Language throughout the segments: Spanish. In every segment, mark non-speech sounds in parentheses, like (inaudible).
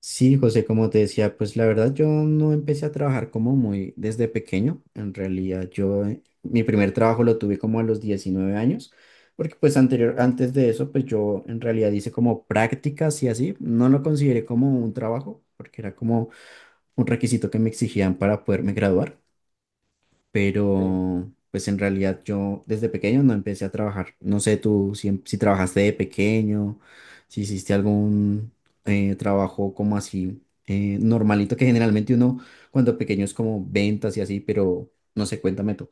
Sí, José, como te decía, pues la verdad yo no empecé a trabajar como muy desde pequeño. En realidad yo mi primer trabajo lo tuve como a los 19 años, porque pues Sí, anterior, antes de eso, pues yo en realidad hice como prácticas y así. No lo consideré como un trabajo, porque era como un requisito que me exigían para poderme graduar, sí. pero pues en realidad yo desde pequeño no empecé a trabajar. No sé tú si, si trabajaste de pequeño, si hiciste algún trabajo como así normalito, que generalmente uno cuando pequeño es como ventas y así, pero no sé, cuéntame tú.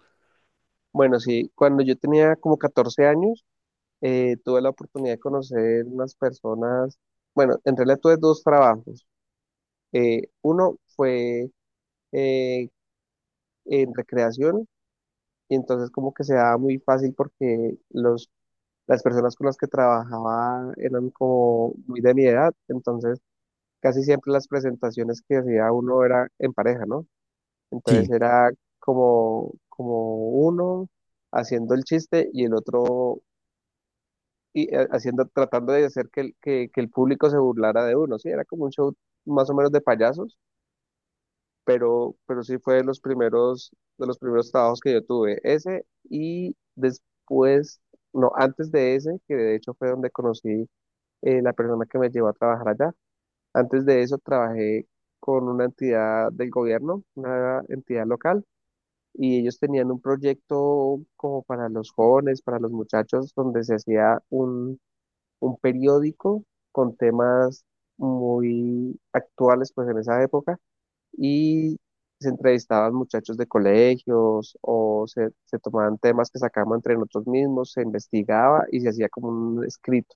Bueno, sí, cuando yo tenía como 14 años, tuve la oportunidad de conocer unas personas, bueno, en realidad tuve dos trabajos. Uno fue eh, en recreación y entonces como que se daba muy fácil porque las personas con las que trabajaba eran como muy de mi edad, entonces casi siempre las presentaciones que hacía uno era en pareja, ¿no? Sí, Entonces era como uno haciendo el chiste y el otro y tratando de hacer que, que el público se burlara de uno, sí, era como un show más o menos de payasos, pero sí fue de los primeros trabajos que yo tuve, ese y después, no, antes de ese, que de hecho fue donde conocí la persona que me llevó a trabajar allá, antes de eso trabajé con una entidad del gobierno, una entidad local, y ellos tenían un proyecto como para los jóvenes, para los muchachos, donde se hacía un periódico con temas muy actuales pues en esa época y se entrevistaban muchachos de colegios se tomaban temas que sacábamos entre nosotros mismos, se investigaba y se hacía como un escrito.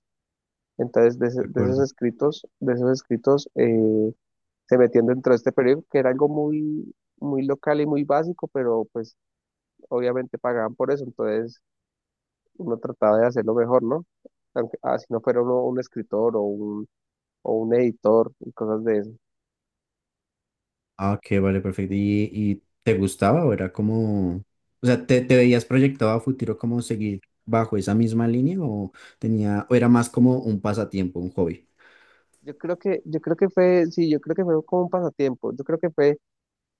Entonces de acuerdo. De esos escritos se metían dentro de este periódico que era algo muy, muy local y muy básico, pero pues obviamente pagaban por eso, entonces uno trataba de hacerlo mejor, ¿no? Aunque, ah, si no fuera uno un escritor o un editor y cosas de eso. Ah, ok, vale, perfecto. Y te gustaba o era como, o sea, te veías proyectado a futuro como seguir bajo esa misma línea o tenía, o era más como un pasatiempo, un hobby? Yo creo que fue, sí, yo creo que fue como un pasatiempo. Yo creo que fue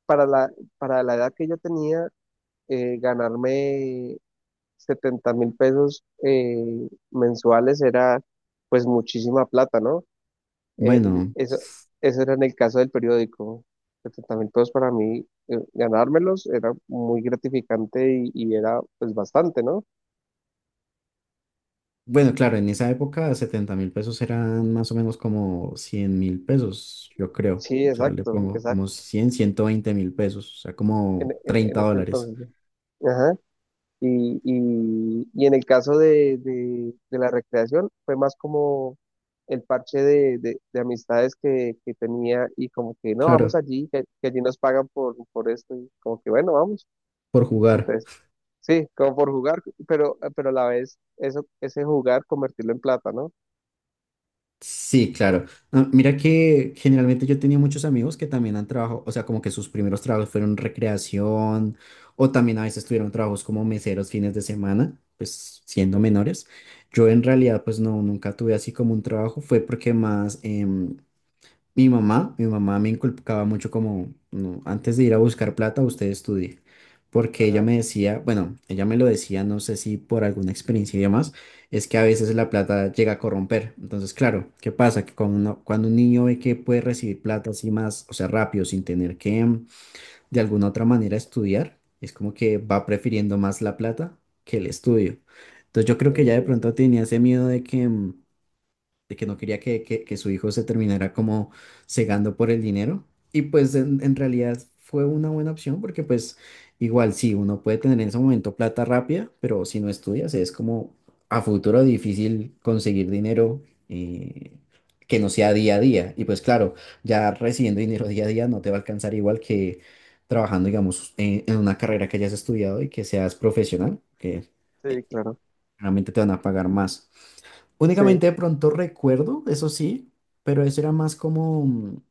para la, para la edad que yo tenía, ganarme 70,000 pesos mensuales era pues muchísima plata, ¿no? Eh, Bueno. eso, eso era en el caso del periódico. 70,000 pesos para mí, ganármelos era muy gratificante y era pues bastante, ¿no? Bueno, claro, en esa época 70.000 pesos eran más o menos como 100.000 pesos, yo creo. Sí, O sea, le exacto, pongo exacto, como cien 120.000 pesos, o sea, en, como en 30 este dólares. entonces. ¿No? Ajá. Y en el caso de la recreación fue más como el parche de amistades que tenía y como que no, Claro, vamos allí, que allí nos pagan por esto y como que bueno, vamos. por jugar. Entonces, sí, como por jugar, pero a la vez eso, ese jugar convertirlo en plata, ¿no? Sí, Eh, claro. Ah, mira que generalmente yo tenía muchos amigos que también han trabajado, o sea, como que sus primeros trabajos fueron recreación o también a veces tuvieron trabajos como meseros fines de semana, pues siendo eh, menores. Yo en realidad pues no, nunca tuve así como un trabajo, fue porque más... mi mamá me inculcaba mucho como, no, antes de ir a buscar plata, usted estudie, porque ella Ajá, me decía, bueno, ella me lo decía, no sé si por alguna experiencia y demás, es que a veces la plata llega a corromper. Entonces, claro, ¿qué pasa? Que cuando, cuando un niño ve que puede recibir plata así más, o sea, rápido, sin tener que de alguna otra manera estudiar, es como que va prefiriendo más la plata que el estudio. Entonces, yo creo que sí, ya de sí, pronto sí. tenía ese miedo de que... de que no quería que, que su hijo se terminara como cegando por el dinero. Y pues en realidad fue una buena opción porque pues igual sí, uno puede tener en ese momento plata rápida, pero si no estudias es como a futuro difícil conseguir dinero eh, que no sea día a día. Y pues claro, ya recibiendo dinero día a día no te va a alcanzar igual que trabajando, digamos, en una carrera que hayas estudiado y que seas profesional, que Sí, eh, claro. realmente te van a pagar más. Sí, Únicamente de pronto recuerdo, eso sí, pero eso era más como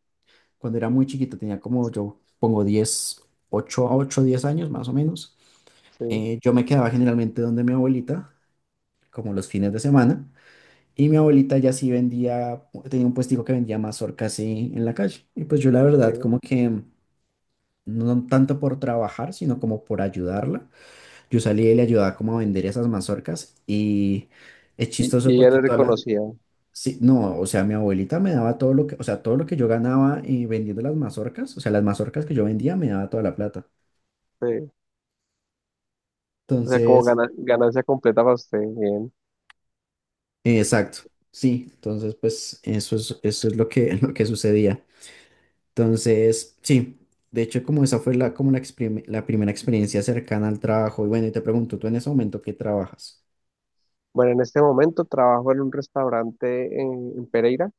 cuando era muy chiquito, tenía como yo pongo 10 8 a 8, 10 años más o menos. sí, Yo me quedaba generalmente donde mi abuelita, como los fines de semana, y mi abuelita ya sí vendía, tenía un puestico que vendía mazorcas en la calle. Y pues yo la verdad sí. como que no tanto por trabajar, sino como por ayudarla. Yo salía y le ayudaba como a vender esas mazorcas y es chistoso Y ella porque le toda la... reconocía. Sí, no, o sea, mi abuelita me daba todo lo que, o sea, todo lo que yo ganaba vendiendo las mazorcas, o sea, las mazorcas que yo vendía me daba toda la plata. Sí. O sea, como Entonces, ganancia completa para usted, bien. Exacto, sí, entonces pues eso es lo que, (laughs) lo que sucedía. Entonces, sí, de hecho como esa fue la, como la, la primera experiencia cercana al trabajo. Y bueno, y te pregunto, ¿tú en ese momento qué trabajas? Bueno, en este momento trabajo en un restaurante en Pereira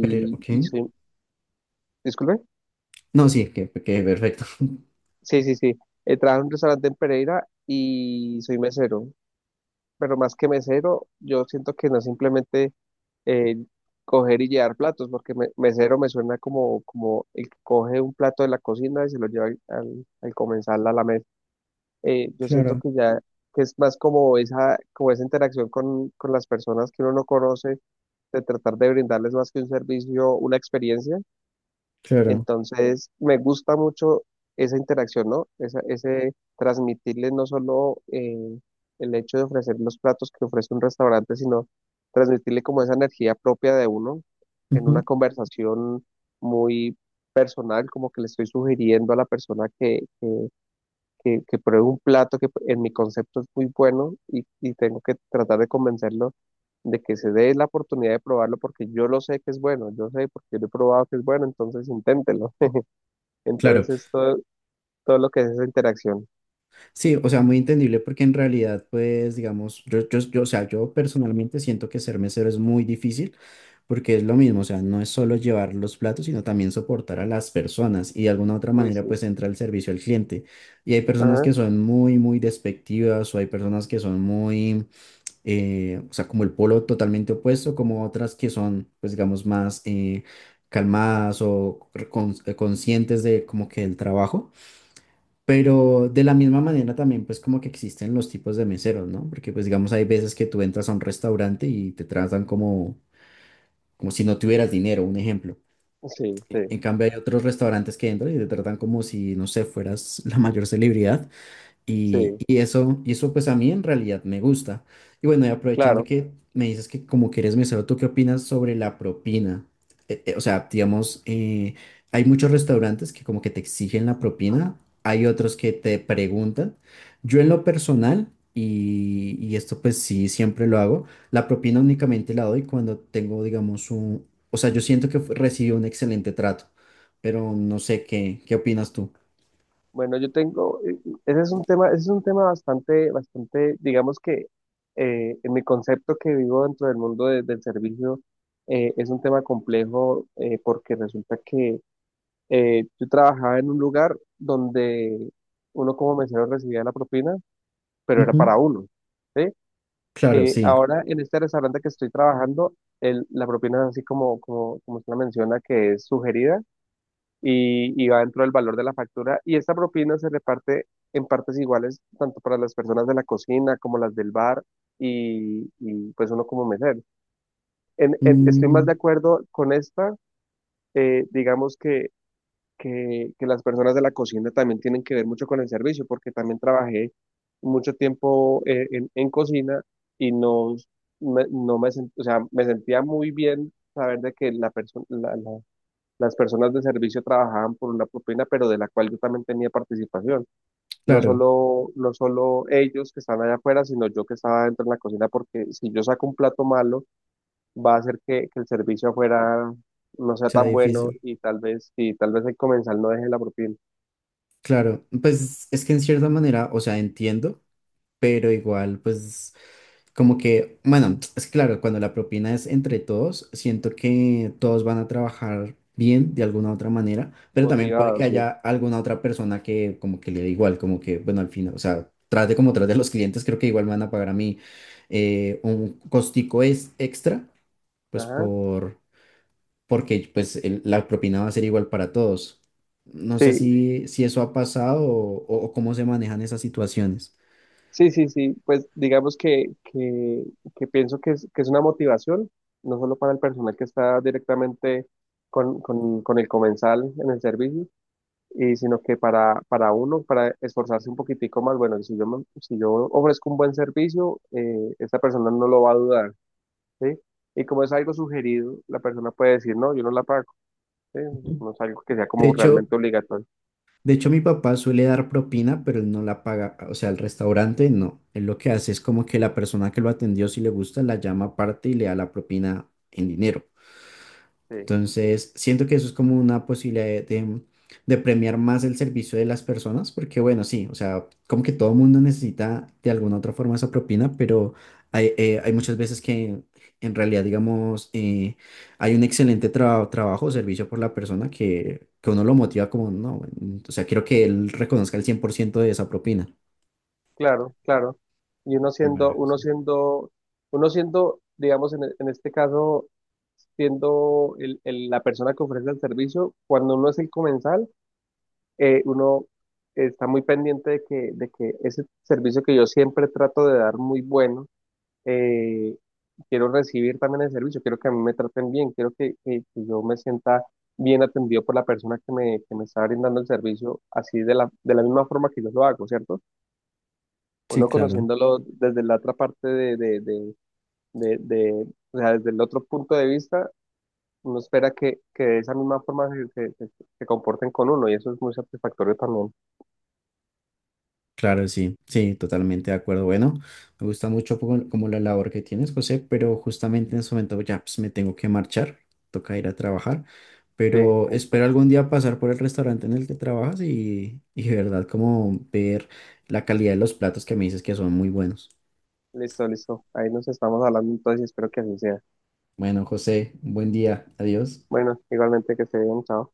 Pero, ok, y soy, disculpe, no, sí, que perfecto. (laughs) sí, sí, sí, trabajo en un restaurante en Pereira y soy mesero, pero más que mesero, yo siento que no es simplemente eh, coger y llevar platos, porque mesero me suena como, como el que coge un plato de la cocina y se lo lleva al comensal a la mesa. Yo siento Claro, que ya, que es más como esa interacción con las personas que uno no conoce de tratar de brindarles más que un servicio, una experiencia. claro. Entonces, me gusta mucho esa interacción, ¿no? Ese transmitirles no solo el hecho de ofrecer los platos que ofrece un restaurante, sino transmitirle como esa energía propia de uno en una Ujú. conversación muy personal, como que le estoy sugiriendo a la persona que que pruebe un plato que en mi concepto es muy bueno y tengo que tratar de convencerlo de que se dé la oportunidad de probarlo porque yo lo sé que es bueno, yo sé porque lo he probado que es bueno, entonces inténtelo. (laughs) Claro. Entonces es todo, todo lo que es esa interacción. Sí, o sea, muy entendible porque en realidad, pues, digamos, yo, o sea, yo personalmente siento que ser mesero es muy difícil porque es lo mismo, o sea, no es solo llevar los platos, sino también soportar a las personas y de alguna u otra Uy, manera, sí. pues, entra el servicio al cliente. Y hay personas Ajá. que son muy, muy despectivas o hay personas que son muy, o sea, como el polo totalmente opuesto, como otras que son, pues, digamos, más calmadas o conscientes de como que el trabajo. Pero de la misma manera también pues como que existen los tipos de meseros, ¿no? Porque pues digamos hay veces que tú entras a un restaurante y te tratan como, como si no tuvieras dinero, un ejemplo. Sí, sí, En cambio hay otros restaurantes que entran y te tratan como si, no sé, fueras la mayor celebridad sí, y eso pues a mí en realidad me gusta. Y bueno, y aprovechando claro. que me dices que como que eres mesero, ¿tú qué opinas sobre la propina? O sea, digamos, hay muchos restaurantes que como que te exigen la propina, hay otros que te preguntan. Yo en lo personal, y esto pues sí, siempre lo hago, la propina únicamente la doy cuando tengo, digamos, un... O sea, yo siento que recibí un excelente trato, pero no sé qué, qué opinas tú. Bueno, yo tengo, ese es un tema bastante, digamos que en mi concepto que vivo dentro del mundo del servicio, es un tema complejo porque resulta que yo trabajaba en un lugar donde uno como mesero recibía la propina, pero era Ujú. para uno, ¿sí? Claro, sí. Ahora en este restaurante que estoy trabajando, la propina es así como, como usted la menciona, que es sugerida y va dentro del valor de la factura. Y esta propina se reparte en partes iguales, tanto para las personas de la cocina como las del bar y pues uno como mesero. Estoy más de acuerdo con esta, digamos que las personas de la cocina también tienen que ver mucho con el servicio, porque también trabajé mucho tiempo en cocina y no me, o sea, me sentía muy bien saber de que la perso- la- la- las personas de servicio trabajaban por una propina, pero de la cual yo también tenía participación. Claro, No solo ellos que están allá afuera, sino yo que estaba dentro de la cocina, porque si yo saco un plato malo, va a hacer que el servicio afuera no sea sea tan bueno difícil. Y tal vez el comensal no deje la propina. Claro, pues es que en cierta manera, o sea, entiendo, pero igual, pues como que, bueno, es que claro, cuando la propina es entre todos, siento que todos van a trabajar bien de alguna u otra manera, pero también puede Motivado, que haya sí. alguna otra persona que como que le dé igual, como que, bueno, al final, o sea, trate como trate a los clientes, creo que igual me van a pagar a mí un costico es extra, pues Ajá. por... porque pues la propina va a ser igual para todos. No sé Sí, si, si eso ha pasado o cómo se manejan esas situaciones. sí, sí, sí. Pues que pienso que es una motivación, no solo para el personal que está directamente con el comensal en el servicio, y sino que para uno, para esforzarse un poquitico más. Bueno, si yo ofrezco un buen servicio, esta persona no lo va a dudar, ¿sí? Y como es algo sugerido, la persona puede decir, no, yo no la pago, ¿sí? Ujú. No es algo que sea De como hecho, realmente obligatorio. de hecho, mi papá suele dar propina, pero él no la paga, o sea, el restaurante no. Él lo que hace es como que la persona que lo atendió, si le gusta, la llama aparte y le da la propina en dinero. Sí. Entonces, siento que eso es como una posibilidad de, de premiar más el servicio de las personas, porque bueno, sí, o sea, como que todo mundo necesita de alguna otra forma esa propina, pero hay, hay muchas veces que en realidad, digamos, hay un excelente trabajo o servicio por la persona que uno lo motiva como, no, bueno, o sea, quiero que él reconozca el 100% de esa propina. Claro, claro. Y uno Qué siendo, mala uno cosa. siendo, uno siendo, digamos, en este caso, siendo la persona que ofrece el servicio, cuando uno es el comensal, uno está muy pendiente de que ese servicio que yo siempre trato de dar muy bueno, eh, quiero recibir también el servicio, quiero que a mí me traten bien, quiero que yo me sienta bien atendido por la persona que me está brindando el servicio, así de de la misma forma que yo lo hago, ¿cierto? Sí, Uno claro. conociéndolo desde la otra parte de- de- o sea, desde el otro punto de vista, uno espera que de esa misma forma se comporten con uno y eso es muy satisfactorio también. Claro, sí, sí, totalmente de acuerdo. Bueno, me gusta mucho como, como la labor que tienes, José, pero justamente en este momento ya pues, me tengo que marchar, toca ir a trabajar, Sí, pero espero listo, algún día pasar por el restaurante en el que trabajas y de verdad como ver la calidad de los platos que me dices que son muy buenos. Listo. Ahí nos estamos hablando entonces y espero que así sea. Bueno, José, buen día, adiós. Bueno, igualmente que se bien, chao.